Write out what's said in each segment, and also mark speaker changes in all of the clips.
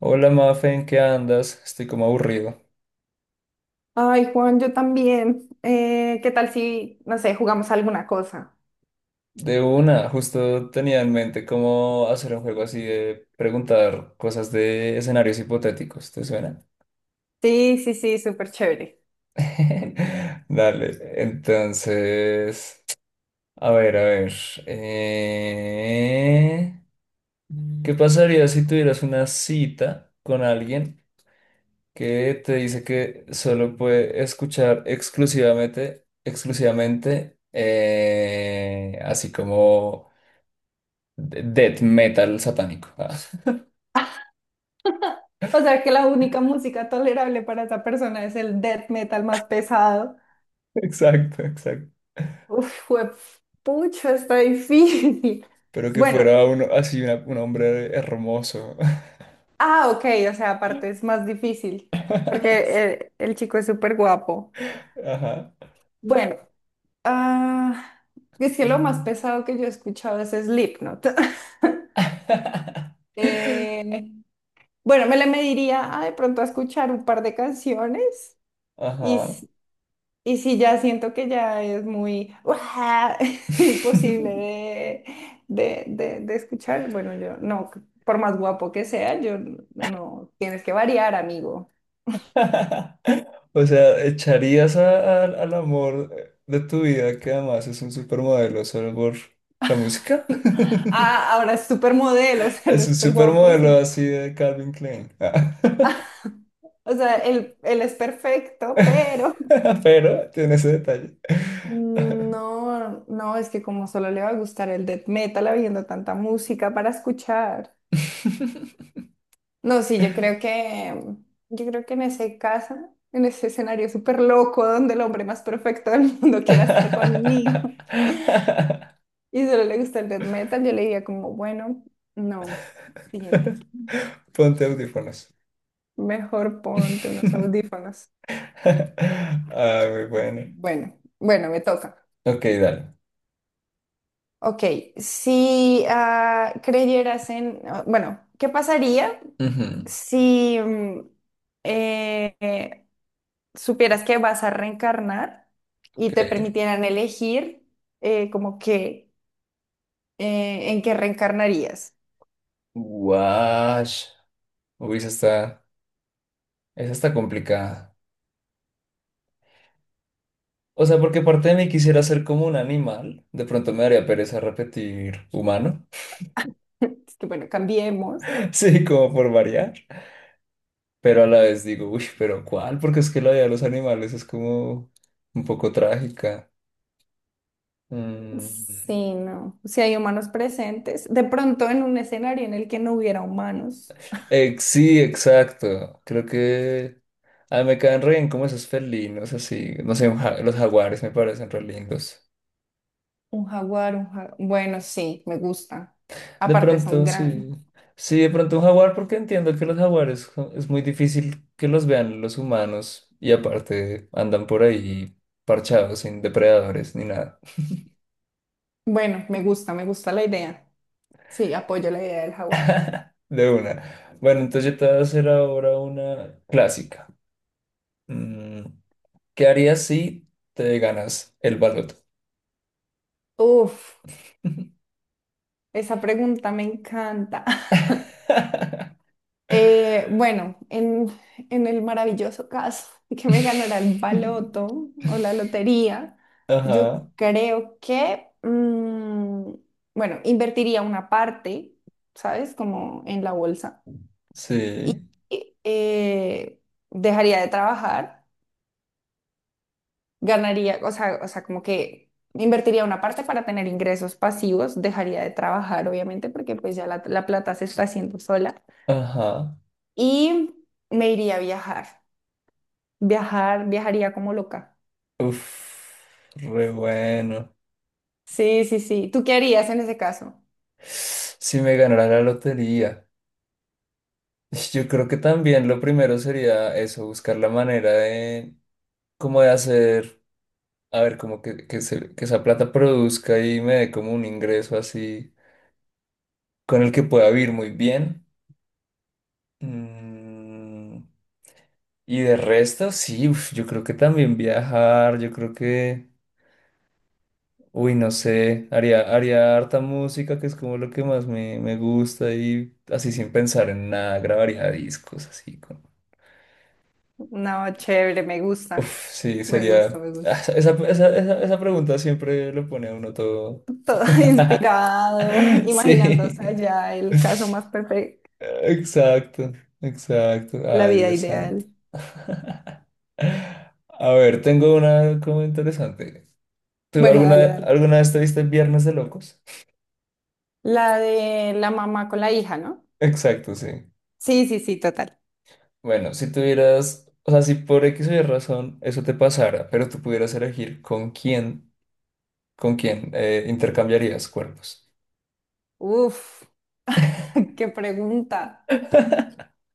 Speaker 1: Hola Mafe, ¿en qué andas? Estoy como aburrido.
Speaker 2: Ay, Juan, yo también. ¿Qué tal si, no sé, jugamos alguna cosa?
Speaker 1: De una, justo tenía en mente cómo hacer un juego así de preguntar cosas de escenarios hipotéticos, ¿te suena?
Speaker 2: Sí, sí, sí, súper chévere.
Speaker 1: Dale, entonces, a ver, a ver. eh, ¿Qué pasaría si tuvieras una cita con alguien que te dice que solo puede escuchar exclusivamente, exclusivamente, así como death metal satánico. Ah,
Speaker 2: O sea que la única música tolerable para esa persona es el death metal más pesado.
Speaker 1: Exacto, exacto.
Speaker 2: Uf, pucho, está difícil.
Speaker 1: Pero que
Speaker 2: Bueno,
Speaker 1: fuera uno así, un hombre hermoso.
Speaker 2: ah, ok, o sea, aparte es más difícil porque eh, el chico es súper guapo.
Speaker 1: Ajá.
Speaker 2: Bueno, ah, es que lo más
Speaker 1: Mm.
Speaker 2: pesado que yo he escuchado es Slipknot. Eh, bueno, me le mediría a de pronto a escuchar un par de canciones y,
Speaker 1: Ajá.
Speaker 2: s- y si ya siento que ya es muy ¡guau! imposible de escuchar, bueno, yo no, por más guapo que sea, no, tienes que variar, amigo.
Speaker 1: O sea, echarías al amor de tu vida, que además es un supermodelo, solo por la música.
Speaker 2: Ah, ahora es supermodelo, o sea, no
Speaker 1: Es
Speaker 2: es
Speaker 1: un
Speaker 2: súper guapo,
Speaker 1: supermodelo
Speaker 2: sí.
Speaker 1: así de Calvin Klein. Ah.
Speaker 2: O sea, él es perfecto, pero...
Speaker 1: Pero tiene ese detalle.
Speaker 2: No, no, es que como solo le va a gustar el death metal habiendo tanta música para escuchar. No, sí, yo creo que en ese caso, en ese escenario súper loco donde el hombre más perfecto del mundo quiera estar conmigo y solo le gusta el death metal, yo le diría como, bueno, no, siguiente.
Speaker 1: Ponte audífonos.
Speaker 2: Mejor ponte unos audífonos.
Speaker 1: Ah, muy bueno.
Speaker 2: Bueno, bueno, me toca.
Speaker 1: Ok, dale.
Speaker 2: Ok, si creyeras en, ah, bueno, ¿qué pasaría
Speaker 1: Ujú,
Speaker 2: si eh, eh, supieras que vas a reencarnar y
Speaker 1: ok.
Speaker 2: te permitieran elegir como que en qué reencarnarías?
Speaker 1: Wash. Uy, esa está complicada. O sea, porque parte de mí quisiera ser como un animal. De pronto me daría pereza repetir humano.
Speaker 2: Es que bueno, cambiemos.
Speaker 1: Sí, como por variar. Pero a la vez digo, uy, pero ¿cuál? Porque es que la vida de los animales es como un poco trágica. Mm,
Speaker 2: Sí, no. Si hay humanos presentes, de pronto en un escenario en el que no hubiera humanos,
Speaker 1: sí, exacto. Creo que ah, me caen re bien como esos felinos, así. No sé, los jaguares me parecen re lindos.
Speaker 2: un jaguar. Bueno, sí, me gusta.
Speaker 1: De
Speaker 2: Aparte son
Speaker 1: pronto,
Speaker 2: grandes.
Speaker 1: sí. Sí, de pronto un jaguar, porque entiendo que los jaguares es muy difícil que los vean los humanos y aparte andan por ahí parchados, sin depredadores ni nada.
Speaker 2: Bueno, me gusta la idea. Sí, apoyo la idea del jaguar.
Speaker 1: De una. Bueno, entonces yo te voy a hacer ahora una clásica. Mm, ¿qué harías si te ganas el baloto?
Speaker 2: Uf, esa pregunta me encanta. Bueno, en el maravilloso caso de que me ganara el baloto o la lotería, yo
Speaker 1: Ajá,
Speaker 2: creo que, mm, bueno, invertiría una parte, ¿sabes? Como en la bolsa. Y
Speaker 1: sí,
Speaker 2: eh, dejaría de trabajar. Ganaría, o sea, como que invertiría una parte para tener ingresos pasivos, dejaría de trabajar, obviamente, porque pues ya la plata se está haciendo sola
Speaker 1: ajá.
Speaker 2: y me iría a viajar. Viajar, viajaría como loca.
Speaker 1: Uf, re bueno.
Speaker 2: Sí, sí, sí. ¿Tú qué harías en ese caso?
Speaker 1: Si me ganara la lotería, yo creo que también lo primero sería eso, buscar la manera de, como de hacer, a ver, como que, se- que esa plata produzca y me dé como un ingreso así, con el que pueda vivir muy bien. Mm, y de resto, sí, uf, yo creo que también viajar, yo creo que... Uy, no sé, haría harta música, que es como lo que más me gusta, y así sin pensar en nada, grabaría discos, así con...
Speaker 2: No, chévere,
Speaker 1: Uf, sí, sería...
Speaker 2: me
Speaker 1: Ah,
Speaker 2: gusta.
Speaker 1: Esa pregunta siempre lo pone a uno
Speaker 2: Todo
Speaker 1: todo...
Speaker 2: inspirado,
Speaker 1: Sí.
Speaker 2: imaginándose allá el caso más perfecto,
Speaker 1: Exacto, exacto.
Speaker 2: la
Speaker 1: Ay,
Speaker 2: vida
Speaker 1: Dios santo.
Speaker 2: ideal.
Speaker 1: A ver, tengo una como interesante. ¿Tú
Speaker 2: Bueno, dale, dale.
Speaker 1: alguna vez te viste Viernes de Locos?
Speaker 2: La de la mamá con la hija, ¿no?
Speaker 1: Exacto, sí.
Speaker 2: Sí, sí, sí, total.
Speaker 1: Bueno, si tuvieras, o sea, si por X o Y razón eso te pasara, pero tú pudieras elegir con quién intercambiarías cuerpos.
Speaker 2: Uf, qué pregunta.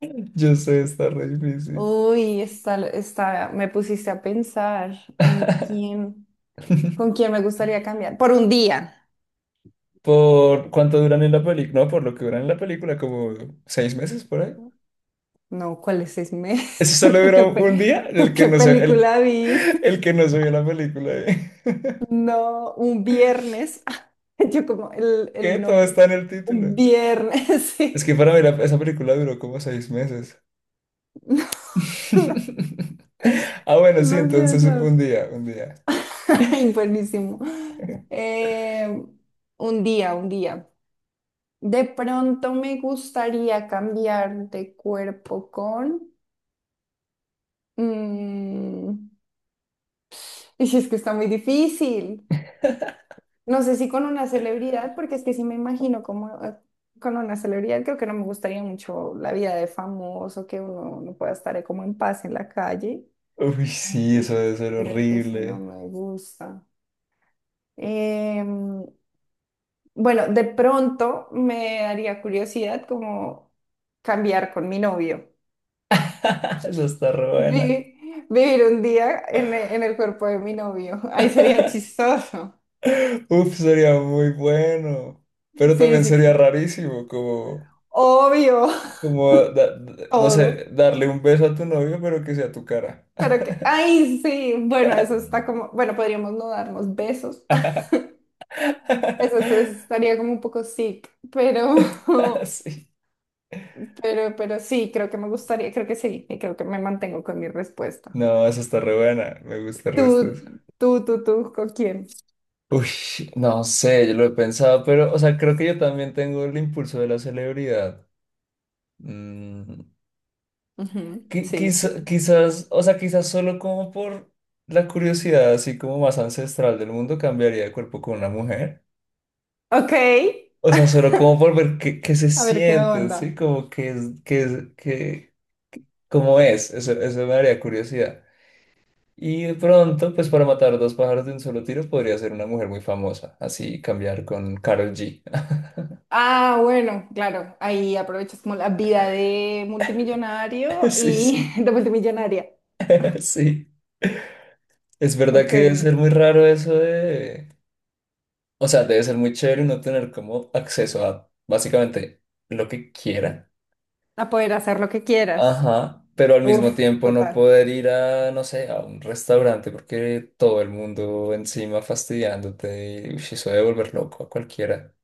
Speaker 1: Yo sé, está re difícil.
Speaker 2: Uy, me pusiste a pensar en quién, con quién me gustaría cambiar. Por un día.
Speaker 1: ¿Por cuánto duran en la película? No, por lo que duran en la película, como seis meses por ahí.
Speaker 2: No, ¿cuáles seis meses?
Speaker 1: Eso solo
Speaker 2: ¿Tú
Speaker 1: dura
Speaker 2: qué,
Speaker 1: un día,
Speaker 2: tú qué película viste?
Speaker 1: el que no se vio la película. ¿Eh?
Speaker 2: No, un viernes. Yo como
Speaker 1: Que
Speaker 2: el
Speaker 1: todo
Speaker 2: nombre.
Speaker 1: está en el título.
Speaker 2: Un viernes,
Speaker 1: Es
Speaker 2: sí.
Speaker 1: que para mí esa película duró como seis meses. Ah, bueno,
Speaker 2: No,
Speaker 1: sí,
Speaker 2: no seas
Speaker 1: entonces un
Speaker 2: loco.
Speaker 1: día, un día.
Speaker 2: Ay, buenísimo. Eh, un día, un día. De pronto me gustaría cambiar de cuerpo con... mm, y si es que está muy difícil. No sé si con una celebridad, porque es que si me imagino como con una celebridad, creo que no me gustaría mucho la vida de famoso, que uno no pueda estar como en paz en la calle.
Speaker 1: Uy, sí,
Speaker 2: Mm.
Speaker 1: eso debe ser
Speaker 2: Creo que eso no
Speaker 1: horrible.
Speaker 2: me gusta. Em, bueno, de pronto me daría curiosidad como cambiar con mi novio.
Speaker 1: Eso está re buena.
Speaker 2: Vivir un día en, en el cuerpo de mi novio. Ahí sería chistoso.
Speaker 1: Uf, sería muy bueno. Pero
Speaker 2: Sí,
Speaker 1: también
Speaker 2: sí,
Speaker 1: sería
Speaker 2: sí.
Speaker 1: rarísimo, como,
Speaker 2: Obvio,
Speaker 1: como, no sé,
Speaker 2: todo.
Speaker 1: darle un beso a tu novio, pero que sea tu cara.
Speaker 2: Pero que, ay, sí, bueno, eso está como, bueno, podríamos no darnos besos. Eso estaría como un poco sick, pero,
Speaker 1: Sí.
Speaker 2: pero sí, creo que me gustaría, creo que sí, y creo que me mantengo con mi respuesta.
Speaker 1: No, eso está re buena. Me gusta el
Speaker 2: Tú,
Speaker 1: resto de eso.
Speaker 2: tú, tú, tú, ¿con quién?
Speaker 1: Uy, no sé, yo lo he pensado, pero, o sea, creo que yo también tengo el impulso de la celebridad. Mm,
Speaker 2: Ujú, sí, sí, sí.
Speaker 1: quizás, o sea, quizás solo como por la curiosidad, así como más ancestral del mundo, cambiaría de cuerpo con una mujer.
Speaker 2: Ok,
Speaker 1: O sea, solo como por ver qué se
Speaker 2: a ver qué
Speaker 1: siente, ¿sí?
Speaker 2: onda.
Speaker 1: Como que es, que es, que, cómo es. Eso me daría curiosidad. Y de pronto, pues para matar dos pájaros de un solo tiro, podría ser una mujer muy famosa. Así cambiar con Karol G.
Speaker 2: Ah, bueno, claro, ahí aprovechas como la vida de multimillonario
Speaker 1: Sí,
Speaker 2: y
Speaker 1: sí,
Speaker 2: de multimillonaria.
Speaker 1: sí. Es verdad
Speaker 2: Ok,
Speaker 1: que debe ser
Speaker 2: ok.
Speaker 1: muy raro eso de... O sea, debe ser muy chévere uno tener como acceso a básicamente lo que quiera.
Speaker 2: A poder hacer lo que quieras.
Speaker 1: Ajá, pero al mismo
Speaker 2: Uf,
Speaker 1: tiempo no
Speaker 2: total.
Speaker 1: poder ir a, no sé, a un restaurante porque todo el mundo encima fastidiándote y uy, eso debe volver loco a cualquiera.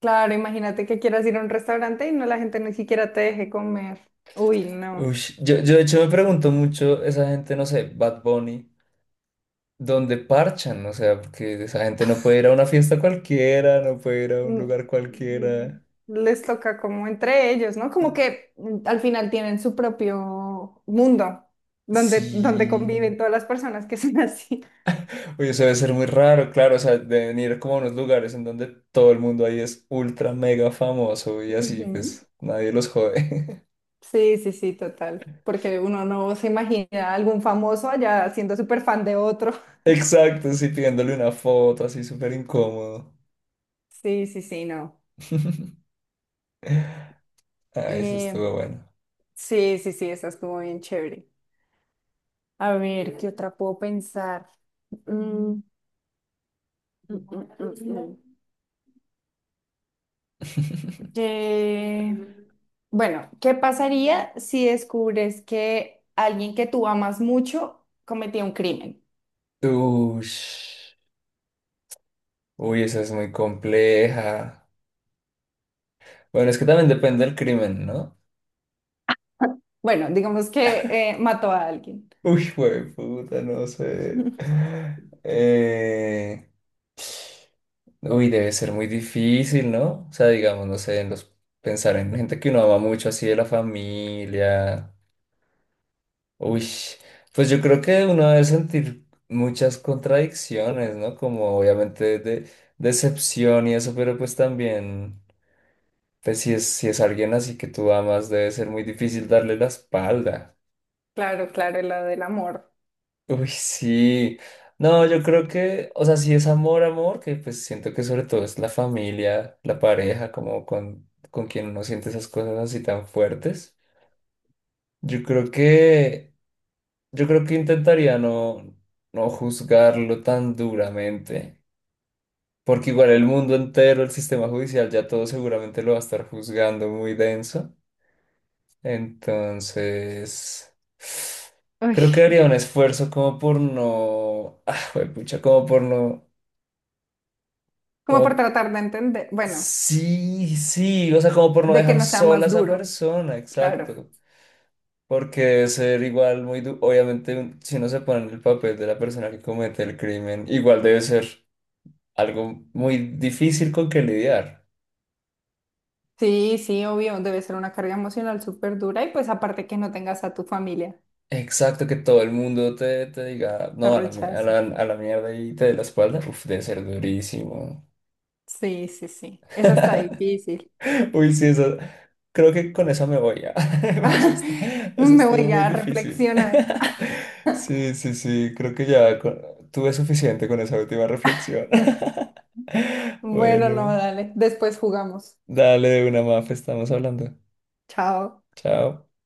Speaker 2: Claro, imagínate que quieras ir a un restaurante y no la gente ni siquiera te deje comer. Uy, no.
Speaker 1: Uy, yo de hecho me pregunto mucho, esa gente, no sé, Bad Bunny, ¿dónde parchan? O sea, porque esa gente no puede ir a una fiesta cualquiera, no puede ir a un
Speaker 2: Mm,
Speaker 1: lugar
Speaker 2: mm,
Speaker 1: cualquiera.
Speaker 2: les toca como entre ellos, ¿no? Como que mm, al final tienen su propio mundo donde conviven
Speaker 1: Sí.
Speaker 2: todas las personas que son así.
Speaker 1: Oye, eso debe ser muy raro, claro, o sea, de venir como a unos lugares en donde todo el mundo ahí es ultra mega famoso y así,
Speaker 2: Ujú.
Speaker 1: pues nadie los jode.
Speaker 2: Sí, sí, sí, total. Porque uno no se imagina a algún famoso allá siendo súper fan de otro.
Speaker 1: Exacto, sí, pidiéndole una foto, así súper incómodo.
Speaker 2: Sí, sí, sí, no.
Speaker 1: Ah, eso
Speaker 2: Eh,
Speaker 1: estuvo bueno.
Speaker 2: sí, sí, sí, esa estuvo bien chévere. A ver, ¿qué otra puedo pensar? Mm, mm, mm, mm, mm. Que- Bueno, ¿qué pasaría si descubres que alguien que tú amas mucho cometió un crimen?
Speaker 1: Ush. Uy, esa es muy compleja. Bueno, es que también depende del crimen, ¿no?
Speaker 2: Bueno, digamos que mató a alguien.
Speaker 1: Uy, güey, puta, no sé. Eh, Uy, debe ser muy difícil, ¿no? O sea, digamos, no sé, en los, pensar en gente que uno ama mucho, así de la familia. Uy, pues yo creo que uno debe sentir muchas contradicciones, ¿no? Como obviamente de, decepción y eso, pero pues también, pues si es alguien así que tú amas, debe ser muy difícil darle la espalda.
Speaker 2: Claro, claro, la del amor.
Speaker 1: Uy, sí. No, yo creo que, o sea, si es amor, amor, que pues siento que sobre todo es la familia, la pareja, como con quien uno siente esas cosas así tan fuertes. Yo creo que, yo creo que intentaría no, no juzgarlo tan duramente, porque igual el mundo entero, el sistema judicial, ya todo seguramente lo va a estar juzgando muy denso. Entonces...
Speaker 2: Uy,
Speaker 1: Creo que haría un esfuerzo como por no, ah, pucha, como por no.
Speaker 2: como por
Speaker 1: Como,
Speaker 2: tratar de entender, bueno,
Speaker 1: sí, sí, o sea, como por no
Speaker 2: de que
Speaker 1: dejar
Speaker 2: no sea
Speaker 1: sola a
Speaker 2: más
Speaker 1: esa
Speaker 2: duro,
Speaker 1: persona,
Speaker 2: claro.
Speaker 1: exacto. Porque debe ser igual muy obviamente, si uno se pone en el papel de la persona que comete el crimen, igual debe ser algo muy difícil con que lidiar.
Speaker 2: Sí, sí, obvio, debe ser una carga emocional súper dura y pues aparte que no tengas a tu familia,
Speaker 1: Exacto, que todo el mundo te diga,
Speaker 2: te
Speaker 1: no, a la,
Speaker 2: rechace.
Speaker 1: a la mierda y te dé la espalda. Uf, debe ser durísimo.
Speaker 2: Sí, sí, sí, esa está difícil.
Speaker 1: Uy, sí, eso. Creo que con eso me voy ya. Eso, est- eso
Speaker 2: Me
Speaker 1: estuvo
Speaker 2: voy
Speaker 1: muy
Speaker 2: a
Speaker 1: difícil.
Speaker 2: reflexionar.
Speaker 1: Sí, sí, sí. Creo que ya tuve suficiente con esa última reflexión.
Speaker 2: Bueno, no,
Speaker 1: Bueno,
Speaker 2: dale, después jugamos.
Speaker 1: dale de una mafe, estamos hablando.
Speaker 2: Chao.
Speaker 1: Chao.